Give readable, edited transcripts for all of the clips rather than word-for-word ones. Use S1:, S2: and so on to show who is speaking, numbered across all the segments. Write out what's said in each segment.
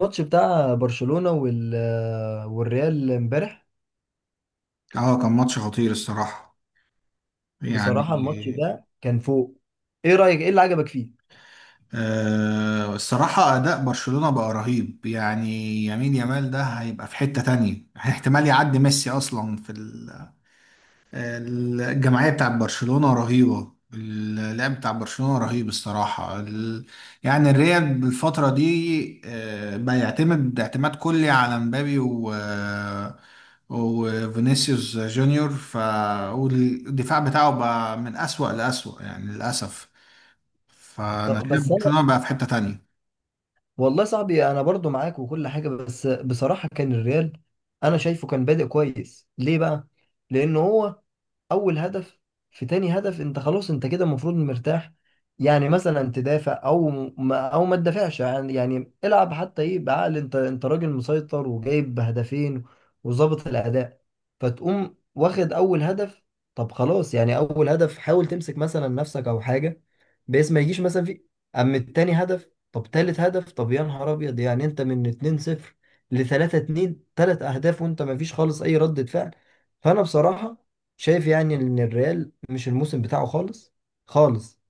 S1: الماتش بتاع برشلونة والريال امبارح.
S2: اه كان ماتش خطير الصراحة. يعني.
S1: بصراحة الماتش ده كان فوق. ايه اللي عجبك فيه؟
S2: الصراحة أداء برشلونة بقى رهيب يعني. يمين يامال ده هيبقى في حتة تانية احتمال يعدي ميسي أصلا في الجمعية بتاعت برشلونة رهيبة. اللعب بتاع برشلونة رهيب الصراحة. يعني الريال بالفترة دي بقى يعتمد اعتماد كلي على مبابي و آه، وفينيسيوس جونيور. والدفاع بتاعه بقى من أسوأ لأسوأ يعني، للأسف. فأنا
S1: طب
S2: شايف
S1: بس انا.
S2: برشلونة بقى في حتة تانية.
S1: والله صاحبي، انا برضو معاك وكل حاجة، بس بصراحة كان الريال انا شايفه كان بادئ كويس. ليه بقى؟ لان هو اول هدف، في تاني هدف انت خلاص، انت كده المفروض مرتاح. يعني مثلا تدافع او ما تدافعش، يعني العب حتى ايه بعقل، انت راجل مسيطر وجايب هدفين وظابط الاداء، فتقوم واخد اول هدف. طب خلاص، يعني اول هدف حاول تمسك مثلا نفسك او حاجه، بحيث ما يجيش مثلا في. اما التاني هدف، طب تالت هدف، طب يا نهار ابيض، يعني انت من 2-0 ل 3-2 تلات اهداف وانت ما فيش خالص اي ردة فعل. فانا بصراحة شايف يعني ان الريال مش الموسم بتاعه خالص خالص،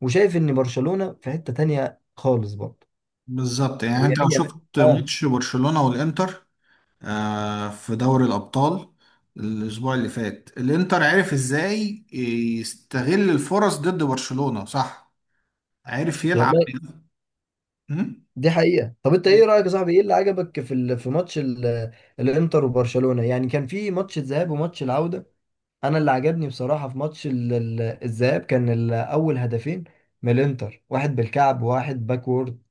S1: وشايف ان برشلونة في حتة تانية خالص برضه.
S2: بالظبط، يعني أنت لو
S1: ويمين.
S2: شفت
S1: اه
S2: ماتش برشلونة والإنتر في دوري الأبطال الأسبوع اللي فات، الإنتر عرف إزاي يستغل الفرص ضد برشلونة، صح؟ عرف يلعب.
S1: والله،
S2: أمم؟
S1: دي حقيقة. طب انت ايه
S2: لا،
S1: رأيك يا صاحبي، ايه اللي عجبك في ماتش ال... الانتر وبرشلونة؟ يعني كان في ماتش الذهاب وماتش العودة. انا اللي عجبني بصراحة في ماتش الذهاب كان اول هدفين من الانتر، واحد بالكعب وواحد باكورد.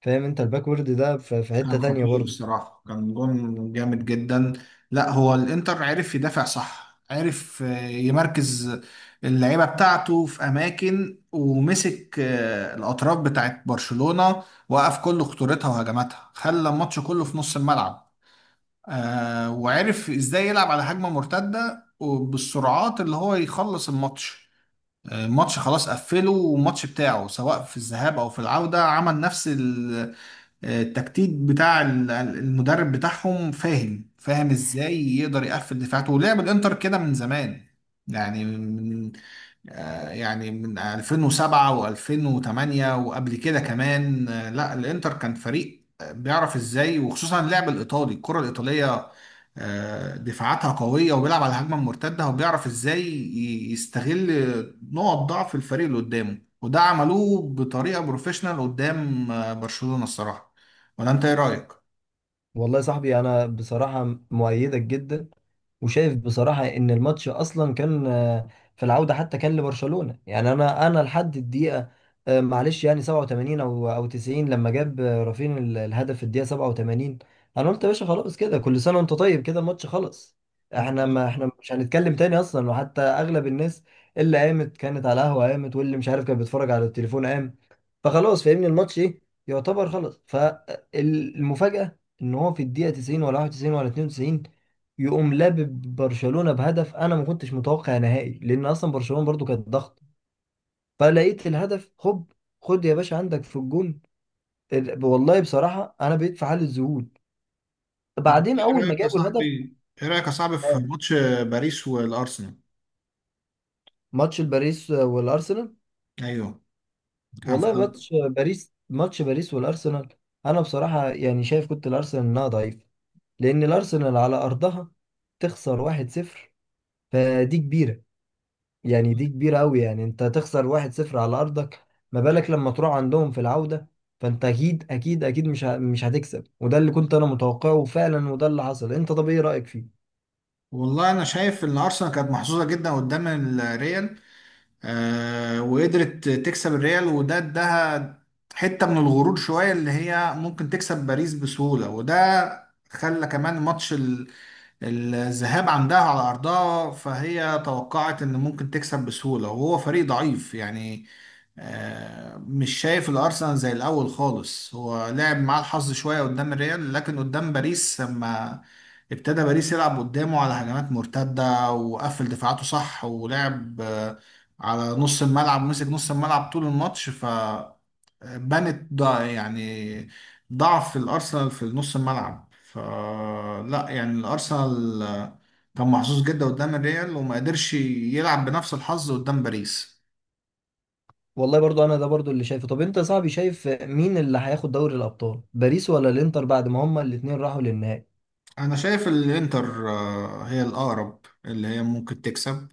S1: فاهم انت، الباكورد ده في
S2: كان
S1: حتة تانية
S2: خطير
S1: برضه.
S2: الصراحة، كان جون جامد جدا. لا، هو الإنتر عرف يدافع، صح، عرف يمركز اللعيبة بتاعته في أماكن، ومسك الأطراف بتاعت برشلونة، وقف كل خطورتها وهجماتها، خلى الماتش كله في نص الملعب. وعرف ازاي يلعب على هجمة مرتدة وبالسرعات اللي هو يخلص الماتش. الماتش خلاص قفله، والماتش بتاعه سواء في الذهاب او في العودة عمل نفس التكتيك بتاع المدرب بتاعهم. فاهم ازاي يقدر يقفل دفاعاته، ولعب الانتر كده من زمان يعني. يعني من 2007 و2008 وقبل كده كمان. لا، الانتر كان فريق بيعرف ازاي، وخصوصا اللعب الايطالي، الكرة الايطالية دفاعاتها قوية، وبيلعب على الهجمة المرتدة، وبيعرف ازاي يستغل نقط ضعف الفريق اللي قدامه، وده عملوه بطريقة بروفيشنال قدام برشلونة الصراحة. ولا انت ايه رأيك؟
S1: والله يا صاحبي انا بصراحة مؤيدك جدا، وشايف بصراحة إن الماتش أصلا كان، في العودة حتى كان لبرشلونة. يعني أنا لحد الدقيقة معلش يعني 87 أو 90، لما جاب رافين الهدف في الدقيقة 87، أنا قلت يا باشا خلاص، كده كل سنة وأنت طيب، كده الماتش خلص. إحنا ما
S2: بالظبط.
S1: إحنا مش هنتكلم تاني أصلا. وحتى أغلب الناس اللي قامت كانت على قهوة قامت، واللي مش عارف كان بيتفرج على التليفون قام. فخلاص فاهمني الماتش ايه، يعتبر خلاص. فالمفاجأة ان هو في الدقيقة 90 ولا 91 ولا 92 يقوم لابب برشلونة بهدف. انا ما كنتش متوقع نهائي، لان اصلا برشلونة برضو كانت ضغط، فلقيت الهدف هوب، خد يا باشا عندك في الجون. والله بصراحة انا بقيت في حالة ذهول
S2: طب انت
S1: بعدين اول ما جابوا الهدف.
S2: ايه رأيك يا صاحبي في
S1: اه،
S2: ماتش باريس والأرسنال؟
S1: ماتش باريس والارسنال.
S2: ايوه. كان
S1: والله ماتش باريس، ماتش باريس والارسنال انا بصراحة يعني شايف كنت الارسنال انها ضعيفة، لأن الأرسنال على أرضها تخسر 1-0، فدي كبيرة. يعني دي كبيرة أوي، يعني أنت تخسر 1-0 على أرضك، ما بالك لما تروح عندهم في العودة؟ فأنت أكيد أكيد أكيد مش هتكسب، وده اللي كنت أنا متوقعه فعلا، وده اللي حصل. أنت طب إيه رأيك فيه؟
S2: والله انا شايف ان ارسنال كانت محظوظه جدا قدام الريال، وقدرت تكسب الريال، وده اداها حته من الغرور شويه اللي هي ممكن تكسب باريس بسهوله، وده خلى كمان ماتش الذهاب عندها على أرضها، فهي توقعت إن ممكن تكسب بسهولة، وهو فريق ضعيف يعني. مش شايف الأرسنال زي الأول خالص. هو لعب معاه الحظ شوية قدام الريال، لكن قدام باريس لما ابتدى باريس يلعب قدامه على هجمات مرتدة، وقفل دفاعاته، صح، ولعب على نص الملعب، ومسك نص الملعب طول الماتش، ف بنت ضع يعني ضعف الأرسنال في نص الملعب. فلا، يعني الأرسنال كان محظوظ جدا قدام الريال، وما قدرش يلعب بنفس الحظ قدام باريس.
S1: والله برضو أنا ده برضو اللي شايفه. طب أنت يا صاحبي شايف مين اللي هياخد دوري الأبطال؟ باريس ولا الإنتر، بعد ما هما الاتنين راحوا للنهائي؟
S2: أنا شايف الإنتر هي الأقرب، اللي هي ممكن تكسب.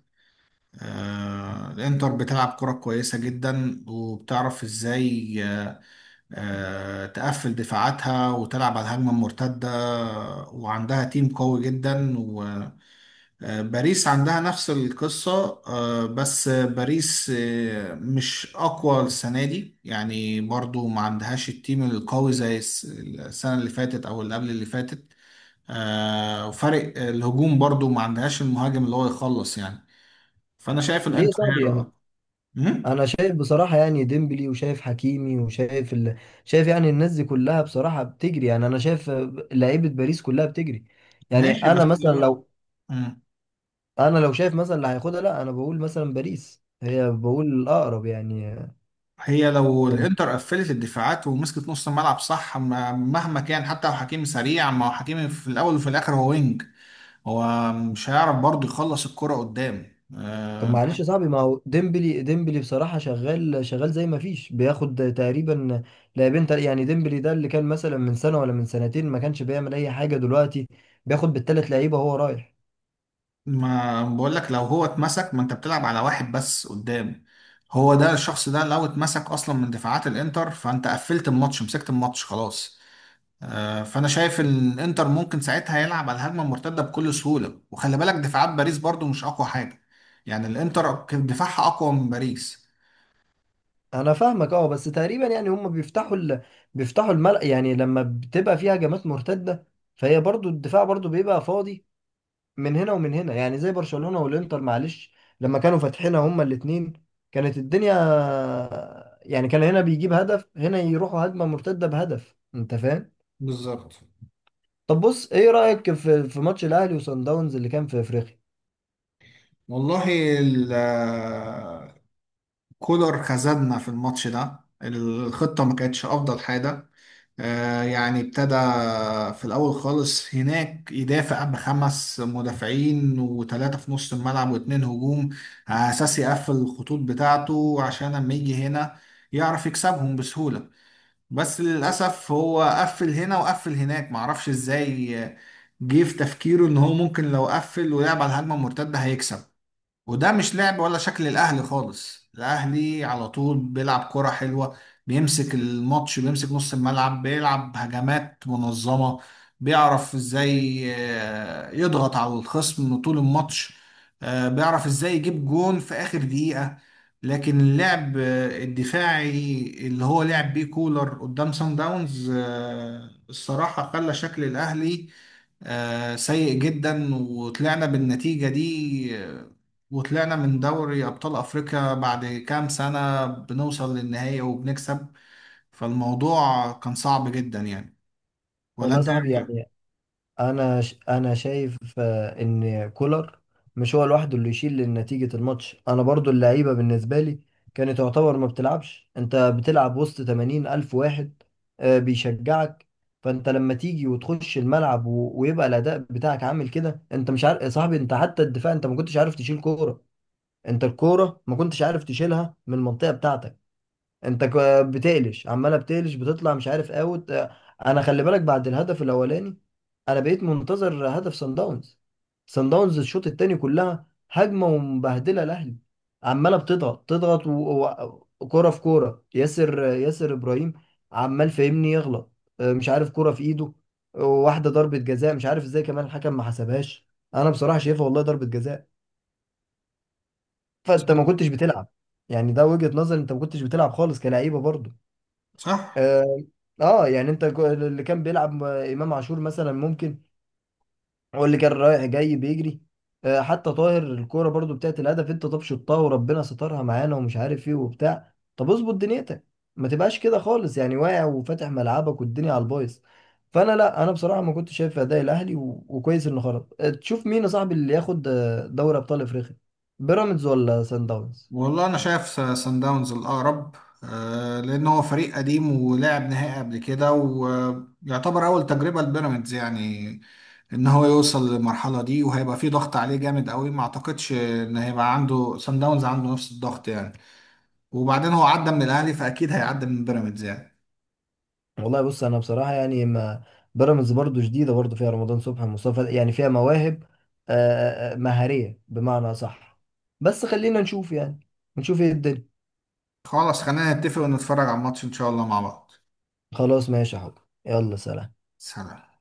S2: الإنتر بتلعب كرة كويسة جدا، وبتعرف إزاي تقفل دفاعاتها وتلعب على الهجمة المرتدة، وعندها تيم قوي جدا. باريس عندها نفس القصة، بس باريس مش أقوى السنة دي، يعني برضو ما عندهاش التيم القوي زي السنة اللي فاتت أو اللي قبل اللي فاتت. وفرق الهجوم برضو ما عندهاش المهاجم اللي هو يخلص يعني. فأنا شايف
S1: ليه يا
S2: الإنتر هي
S1: صاحبي يعني؟
S2: الأقوى. مم؟
S1: انا شايف بصراحه، يعني ديمبلي وشايف حكيمي وشايف ال... شايف يعني الناس دي كلها بصراحه بتجري. يعني انا شايف لعيبه باريس كلها بتجري. يعني
S2: ماشي، بس.
S1: انا مثلا لو،
S2: مم.
S1: انا لو شايف مثلا اللي هياخدها، لا انا بقول مثلا باريس هي بقول الاقرب يعني.
S2: هي لو الإنتر قفلت الدفاعات ومسكت نص الملعب، صح، مهما كان، حتى لو حكيمي سريع، ما هو حكيمي في الأول وفي الآخر هو وينج، هو مش هيعرف برضه يخلص الكرة قدام.
S1: طب معلش يا صاحبي، ما هو ديمبلي، بصراحه شغال شغال، زي ما فيش بياخد تقريبا لاعبين. تل... يعني ديمبلي ده اللي كان مثلا من سنه ولا من سنتين ما كانش بيعمل اي حاجه، دلوقتي بياخد بالثلاث لعيبه وهو رايح.
S2: ما بقول لك لو هو اتمسك، ما انت بتلعب على واحد بس قدام، هو ده. الشخص ده لو اتمسك اصلا من دفاعات الانتر، فانت قفلت الماتش، مسكت الماتش، خلاص. فانا شايف ان الانتر ممكن ساعتها يلعب على الهجمه المرتده بكل سهوله، وخلي بالك دفاعات باريس برضو مش اقوى حاجه، يعني الانتر كان دفاعها اقوى من باريس.
S1: انا فاهمك اه، بس تقريبا يعني هم بيفتحوا ال... بيفتحوا الملأ، يعني لما بتبقى فيها هجمات مرتدة فهي برضو الدفاع برضو بيبقى فاضي من هنا ومن هنا. يعني زي برشلونة والانتر معلش، لما كانوا فاتحينها هما الاتنين كانت الدنيا. يعني كان هنا بيجيب هدف، هنا يروحوا هجمة مرتدة بهدف، انت فاهم.
S2: بالظبط.
S1: طب بص، ايه رأيك في في ماتش الاهلي وصن داونز اللي كان في افريقيا؟
S2: والله ال- كولر خذلنا في الماتش ده. الخطة ما كانتش أفضل حاجة. يعني ابتدى في الأول خالص هناك يدافع بخمس مدافعين وثلاثة في نص الملعب واتنين هجوم، على أساس يقفل الخطوط بتاعته، عشان لما يجي هنا يعرف يكسبهم بسهولة. بس للأسف هو قفل هنا وقفل هناك، معرفش إزاي جه في تفكيره إن هو ممكن لو قفل ولعب على الهجمة المرتدة هيكسب. وده مش لعب ولا شكل الاهلي خالص. الاهلي على طول بيلعب كرة حلوة، بيمسك الماتش، بيمسك نص الملعب، بيلعب هجمات منظمة، بيعرف ازاي يضغط على الخصم طول الماتش، بيعرف ازاي يجيب جون في اخر دقيقة. لكن اللعب الدفاعي اللي هو لعب بيه كولر قدام سان داونز، الصراحة خلى شكل الاهلي سيء جدا، وطلعنا بالنتيجة دي، وطلعنا من دوري أبطال أفريقيا بعد كام سنة بنوصل للنهاية وبنكسب. فالموضوع كان صعب جدا يعني. ولا
S1: والله يا
S2: أنت إيه
S1: صاحبي
S2: رأيك؟
S1: يعني، انا شايف ان كولر مش هو لوحده اللي يشيل نتيجة الماتش. انا برضو اللعيبة بالنسبة لي كانت تعتبر ما بتلعبش. انت بتلعب وسط 80 الف واحد بيشجعك، فانت لما تيجي وتخش الملعب ويبقى الاداء بتاعك عامل كده، انت مش عارف يا صاحبي. انت حتى الدفاع انت ما كنتش عارف تشيل كورة، انت الكورة ما كنتش عارف تشيلها من المنطقة بتاعتك. انت بتقلش، عماله بتقلش، بتطلع مش عارف اوت. انا خلي بالك، بعد الهدف الاولاني انا بقيت منتظر هدف صن داونز. صن داونز الشوط التاني كلها هجمه ومبهدله الاهلي، عماله بتضغط تضغط وكوره في كوره، ياسر ابراهيم عمال فاهمني يغلط. اه، مش عارف كوره في ايده. اه، واحده ضربه جزاء مش عارف ازاي كمان الحكم ما حسبهاش، انا بصراحه شايفها والله ضربه جزاء. فانت ما كنتش بتلعب، يعني ده وجهة نظر، انت ما كنتش بتلعب خالص كلعيبه برضو.
S2: صح؟
S1: اه. يعني انت اللي كان بيلعب امام عاشور مثلا ممكن، هو اللي كان رايح جاي بيجري. حتى طاهر الكوره برضو بتاعت الهدف، انت طب شطها وربنا سترها معانا ومش عارف ايه وبتاع، طب اظبط دنيتك ما تبقاش كده خالص، يعني واقع وفاتح ملعبك والدنيا على البايظ. فانا لا، انا بصراحه ما كنتش شايف اداء الاهلي وكويس انه خرج. تشوف مين يا صاحبي اللي ياخد دوري ابطال افريقيا، بيراميدز ولا سان داونز؟
S2: والله أنا شايف سان داونز الأقرب، لأن هو فريق قديم ولعب نهائي قبل كده، ويعتبر أول تجربة لبيراميدز، يعني ان هو يوصل للمرحله دي، وهيبقى فيه ضغط عليه جامد قوي، ما اعتقدش ان هيبقى عنده سان داونز عنده نفس الضغط يعني. وبعدين هو عدى من الاهلي، فاكيد هيعدي من بيراميدز يعني.
S1: والله بص، انا بصراحه يعني ما، بيراميدز برضو جديده، برضو فيها رمضان صبحي مصطفى، يعني فيها مواهب آه، مهاريه بمعنى صح، بس خلينا نشوف يعني، نشوف ايه الدنيا.
S2: خلاص، خلينا نتفق ونتفرج على الماتش ان شاء الله مع بعض.
S1: خلاص ماشي يا حب، يلا سلام.
S2: سلام.